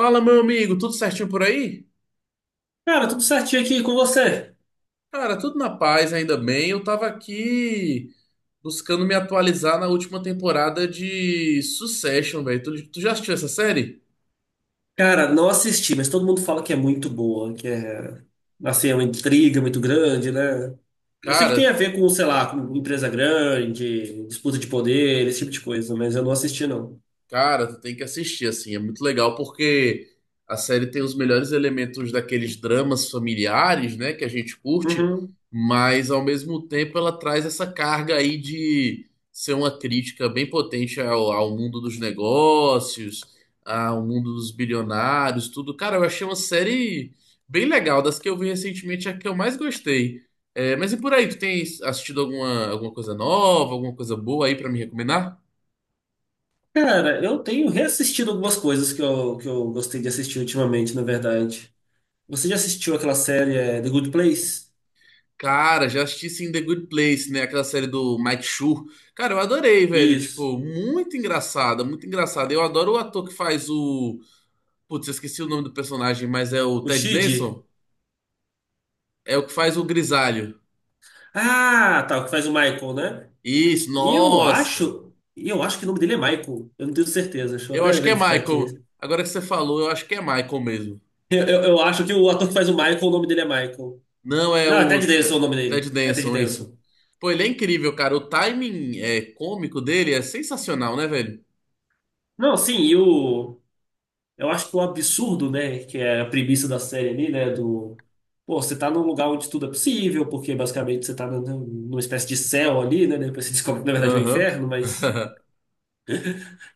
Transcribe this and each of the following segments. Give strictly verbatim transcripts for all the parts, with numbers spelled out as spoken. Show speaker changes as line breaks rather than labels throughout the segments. Fala, meu amigo, tudo certinho por aí?
Cara, tudo certinho aqui com você?
Cara, tudo na paz, ainda bem. Eu tava aqui buscando me atualizar na última temporada de Succession, velho. Tu, tu já assistiu essa série?
Cara, não assisti, mas todo mundo fala que é muito boa, que é, assim, é uma intriga muito grande, né? Eu sei que
Cara,
tem a ver com, sei lá, com empresa grande, disputa de poder, esse tipo de coisa, mas eu não assisti, não.
Cara, tu tem que assistir, assim, é muito legal porque a série tem os melhores elementos daqueles dramas familiares, né, que a gente curte,
Uhum.
mas ao mesmo tempo ela traz essa carga aí de ser uma crítica bem potente ao, ao mundo dos negócios, ao mundo dos bilionários, tudo. Cara, eu achei uma série bem legal, das que eu vi recentemente, é a que eu mais gostei. É, mas e por aí, tu tem assistido alguma, alguma coisa nova, alguma coisa boa aí pra me recomendar?
Cara, eu tenho reassistido algumas coisas que eu, que eu gostei de assistir ultimamente, na verdade. Você já assistiu aquela série é, The Good Place?
Cara, já assisti sim The Good Place, né? Aquela série do Mike Schur. Cara, eu adorei, velho.
Isso.
Tipo, muito engraçada, muito engraçada. Eu adoro o ator que faz o. Putz, eu esqueci o nome do personagem, mas é o
O
Ted
Shid?
Danson? É o que faz o Grisalho.
Ah, tá, o que faz o Michael, né?
Isso,
E eu
nossa.
acho, e eu acho que o nome dele é Michael. Eu não tenho certeza. Deixa eu
Eu
até
acho que é
verificar aqui.
Michael. Agora que você falou, eu acho que é Michael mesmo.
Eu, eu, eu acho que o ator que faz o Michael, o nome dele é Michael.
Não, é
Não, é
o
Ted
é,
Danson o nome
Ted
dele. É Ted
Danson, isso.
Danson.
Pô, ele é incrível, cara. O timing é, cômico dele é sensacional, né, velho?
Não, sim, e o. Eu acho que o absurdo, né? Que é a premissa da série ali, né? Do. Pô, você tá num lugar onde tudo é possível, porque basicamente você tá num- numa espécie de céu ali, né? Depois você descobre que na verdade é um
Aham.
inferno, mas.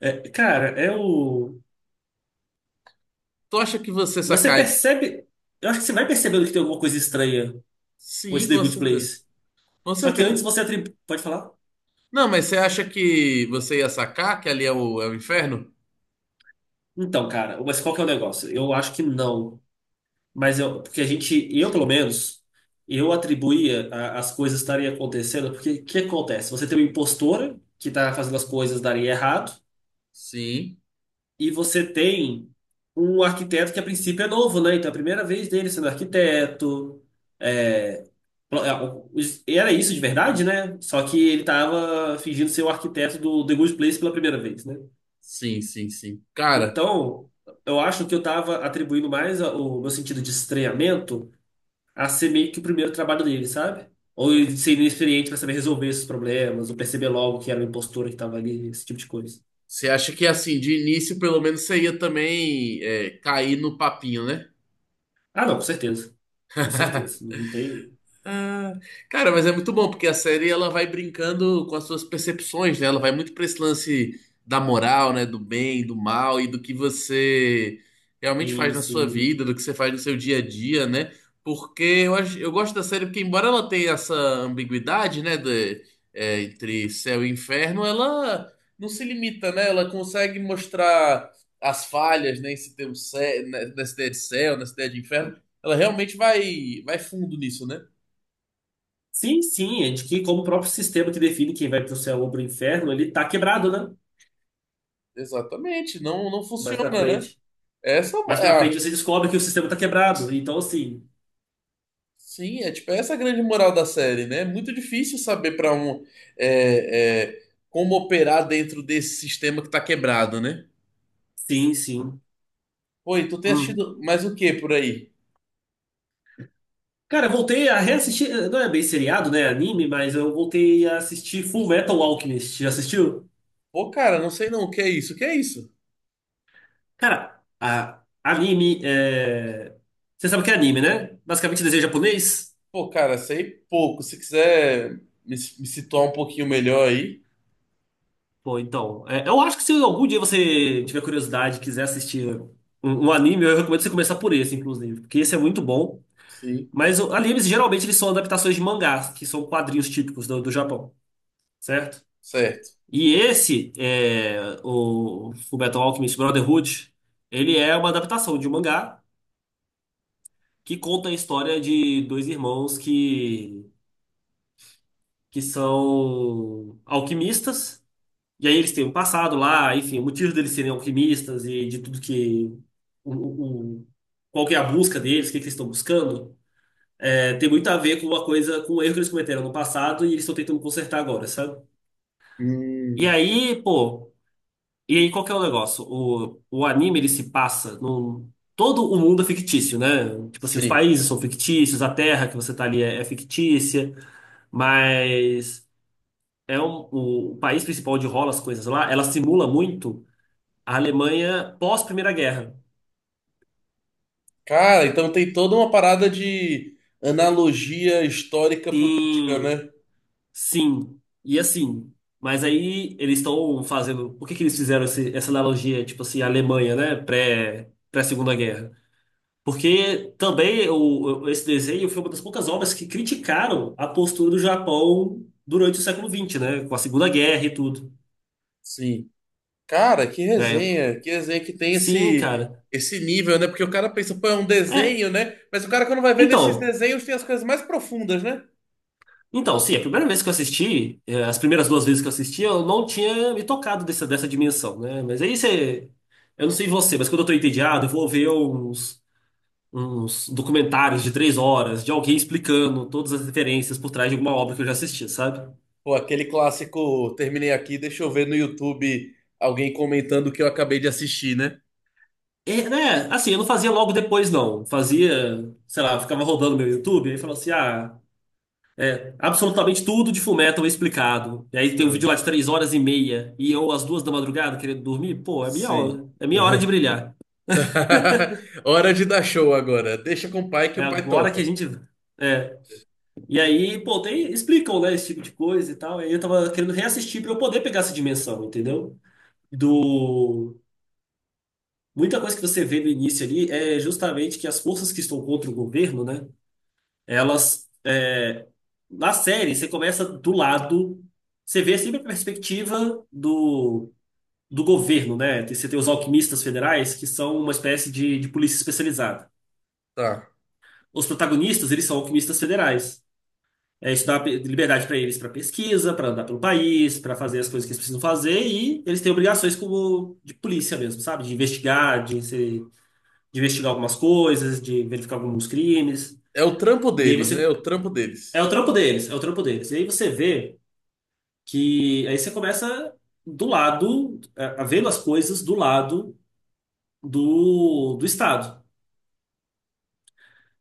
É, cara, é o.
Tu acha que você
Você
saca-
percebe. Eu acho que você vai percebendo que tem alguma coisa estranha com esse
Sim,
The
com
Good
certeza.
Place.
Com
Só que antes
certeza.
você atribui. Pode falar?
Não, mas você acha que você ia sacar que ali é o, é o inferno?
Então, cara, mas qual que é o negócio? Eu acho que não. Mas eu, porque a gente, eu pelo menos, eu atribuía a- as coisas estarem acontecendo, porque o que acontece? Você tem uma impostora que está fazendo as coisas darem errado,
Sim,
e você tem um arquiteto que a princípio é novo, né? Então é a primeira vez dele sendo arquiteto. é, pl- é, o- os- Era isso de verdade, né? Só que ele estava fingindo ser o arquiteto do The Good Place pela primeira vez, né?
sim, sim, sim. Cara,
Então, eu acho que eu tava atribuindo mais a- o meu sentido de estranhamento a ser meio que o primeiro trabalho dele, sabe? Ou ele ser inexperiente para saber resolver esses problemas, ou perceber logo que era uma impostura que tava ali, esse tipo de coisa.
você acha que assim, de início, pelo menos você ia também é, cair no papinho, né?
Ah, não, com certeza. Com certeza. Não tem.
Ah, cara, mas é muito bom porque a série ela vai brincando com as suas percepções, né? Ela vai muito para esse lance da moral, né? Do bem, do mal e do que você realmente faz
Sim,
na sua
sim.
vida, do que você faz no seu dia a dia, né? Porque eu acho, eu gosto da série porque embora ela tenha essa ambiguidade, né? de- é, entre céu e inferno, ela não se limita, né? Ela consegue mostrar as falhas, né? Esse termo cé- nessa ideia de céu, nessa ideia de inferno, ela realmente vai vai fundo nisso, né?
Sim, sim, é de que como o próprio sistema que define quem vai pro céu ou pro inferno, ele tá quebrado, né?
Exatamente, não, não
Mais pra
funciona, né?
frente.
Essa
Mais
é
pra
a,
frente você descobre que o sistema tá quebrado. Então, assim,
sim, é tipo essa é a grande moral da série, né? É muito difícil saber para um é, é, como operar dentro desse sistema que tá quebrado, né?
sim, sim.
Pô, e tu tem
Hum.
assistido mais o que por aí?
Cara, eu voltei a reassistir. eh, Não é bem seriado, né? Anime, mas eu voltei a assistir Full Metal Alchemist. Já assistiu?
Pô, cara, não sei não, o que é isso? O que é isso?
Cara, a- anime é. Você sabe o que é anime, né? Basicamente desenho japonês?
Pô, cara, sei pouco. Se quiser me, me situar um pouquinho melhor aí,
Pô, então. É, eu acho que se algum dia você tiver curiosidade e quiser assistir um, um anime, eu recomendo você começar por esse, inclusive, porque esse é muito bom.
sim,
Mas o- animes geralmente eles são adaptações de mangás, que são quadrinhos típicos do, do Japão, certo?
certo.
E esse, é, o Fullmetal Alchemist Brotherhood, ele é uma adaptação de um mangá que conta a história de dois irmãos que, que são alquimistas. E aí eles têm um passado lá, enfim, o motivo deles serem alquimistas e de tudo que... O, o, o- Qual que é a busca deles, o que que eles estão buscando. É, tem muito a ver com uma coisa, com um erro que eles cometeram no passado e eles estão tentando consertar agora, sabe? E
Hum,
aí, pô... E aí, qual que é o negócio? O, o anime, ele se passa num... Todo o mundo é fictício, né? Tipo assim, os
sim.
países são fictícios, a terra que você tá ali é, é fictícia, mas é um, o, o país principal onde rola as coisas lá, ela simula muito a Alemanha pós-Primeira Guerra.
Cara, então tem toda uma parada de analogia histórica política,
Sim,
né?
sim, e assim. Mas aí eles estão fazendo... Por que que eles fizeram esse- essa analogia, tipo assim, a Alemanha, né? Pré, pré-Segunda Guerra? Porque também o, esse desenho foi uma das poucas obras que criticaram a postura do Japão durante o século vinte, né? Com a Segunda Guerra e tudo.
Sim. Cara, que
É,
resenha, que resenha que tem
sim,
esse
cara.
esse nível, né? Porque o cara pensa, pô, é um
É,
desenho, né? Mas o cara quando vai ver nesses
então,
desenhos tem as coisas mais profundas, né?
então, sim, a primeira vez que eu assisti, é, as primeiras duas vezes que eu assisti, eu não tinha me tocado dessa, dessa dimensão, né? Mas aí você. Eu não sei você, mas quando eu tô entediado, eu vou ver uns, uns documentários de três horas de alguém explicando todas as referências por trás de alguma obra que eu já assisti, sabe?
Pô, aquele clássico, terminei aqui, deixa eu ver no YouTube alguém comentando o que eu acabei de assistir, né?
É, né? Assim, eu não fazia logo depois, não. Fazia, sei lá, ficava rodando meu YouTube e falava assim: ah, absolutamente tudo de Fullmetal explicado. E aí tem um vídeo
Ah,
lá de três horas e meia e eu às duas da madrugada querendo dormir. Pô, é minha
sim.
hora, é minha hora de brilhar.
Hora de dar show agora. Deixa com o pai que
É
o pai
agora que a
toca.
gente. É. E aí, pô, tem, explicam, né, esse tipo de coisa e tal. E aí eu tava querendo reassistir pra eu poder pegar essa dimensão, entendeu? Do. Muita coisa que você vê no início ali é justamente que as forças que estão contra o governo, né? Elas. É, na série, você começa do lado. Você vê sempre a perspectiva do, do governo, né? Você tem os alquimistas federais, que são uma espécie de, de polícia especializada.
Tá.
Os protagonistas, eles são alquimistas federais. É, isso dá pe- liberdade para eles para pesquisa, para andar pelo país, para fazer as coisas que eles precisam fazer, e eles têm obrigações como de polícia mesmo, sabe? De investigar, de, se- de investigar algumas coisas, de verificar alguns crimes.
É o trampo
E aí
deles, né? É
você.
o trampo
É
deles.
o trampo deles, é o trampo deles. E aí você vê. Que aí você começa do lado, a a vendo as coisas do lado do, do Estado.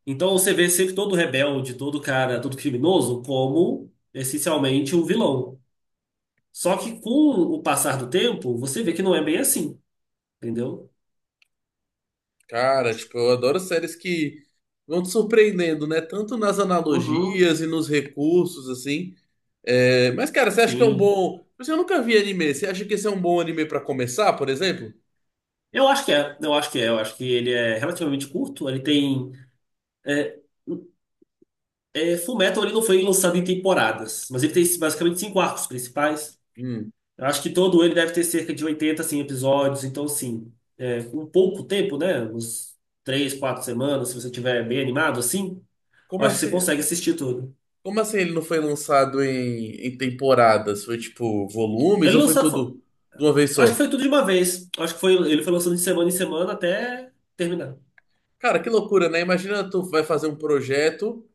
Então você vê sempre todo rebelde, todo cara, todo criminoso como essencialmente um vilão. Só que com o passar do tempo, você vê que não é bem assim, entendeu?
Cara, tipo, eu adoro séries que vão te surpreendendo, né? Tanto nas
Uhum.
analogias e nos recursos, assim. É, mas, cara, você acha que é um
Sim.
bom. Mas eu nunca vi anime. Você acha que esse é um bom anime pra começar, por exemplo?
Eu acho que é, eu acho que é, eu acho que ele é relativamente curto, ele tem. É, é, Fullmetal ele não foi lançado em temporadas, mas ele tem basicamente cinco arcos principais.
Hum.
Eu acho que todo ele deve ter cerca de oitenta, assim, episódios. Então, assim, é, um pouco tempo, né? Uns três, quatro semanas, se você tiver bem animado, assim,
Como
eu acho que você
assim?
consegue assistir tudo.
Como assim ele não foi lançado em, em temporadas? Foi tipo volumes
Ele
ou foi
lançou, fo-
tudo de uma vez
acho que
só?
foi tudo de uma vez. Acho que foi, ele foi lançando de semana em semana até terminar.
Cara, que loucura, né? Imagina tu vai fazer um projeto.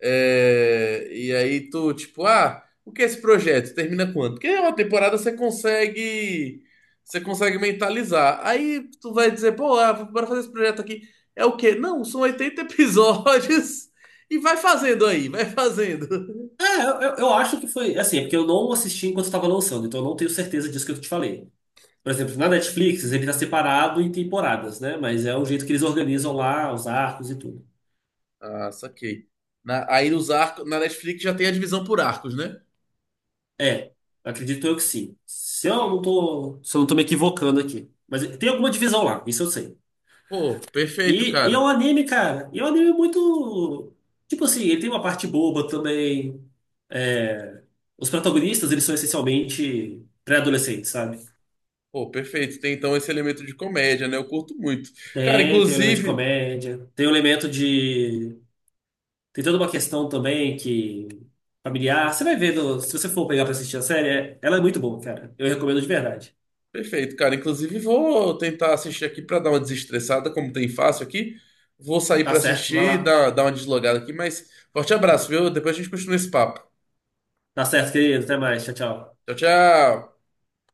É, e aí tu, tipo, ah, o que é esse projeto? Termina quanto? Porque é uma temporada você consegue, você consegue mentalizar. Aí tu vai dizer, pô, ah, bora fazer esse projeto aqui. É o quê? Não, são oitenta episódios. E vai fazendo aí, vai fazendo.
É, eu, eu eu acho que foi, assim, é porque eu não assisti enquanto estava lançando, então eu não tenho certeza disso que eu te falei. Por exemplo, na Netflix, ele está separado em temporadas, né? Mas é o jeito que eles organizam lá os arcos e tudo.
Ah, saquei. Na- aí os arcos, na Netflix já tem a divisão por arcos, né?
É, acredito eu que sim. Se eu não tô, se eu não tô me equivocando aqui. Mas tem alguma divisão lá, isso eu sei.
Pô, perfeito,
E, e é um
cara.
anime, cara. E é um anime muito. Tipo assim, ele tem uma parte boba também. É, os protagonistas, eles são essencialmente pré-adolescentes, sabe?
Pô, perfeito. Tem então esse elemento de comédia, né? Eu curto muito. Cara,
Tem, tem um elemento de
inclusive,
comédia, tem um elemento de. Tem toda uma questão também que. Familiar. Você vai ver, no- se você for pegar pra assistir a série, é- ela é muito boa, cara. Eu recomendo de verdade.
perfeito, cara. Inclusive, vou tentar assistir aqui pra dar uma desestressada, como tem fácil aqui. Vou sair
Tá
pra
certo, vai
assistir
lá.
dar, dar uma deslogada aqui, mas forte abraço, viu? Depois a gente continua esse papo.
Tá certo, querido. Até mais. Tchau, tchau.
Tchau, tchau.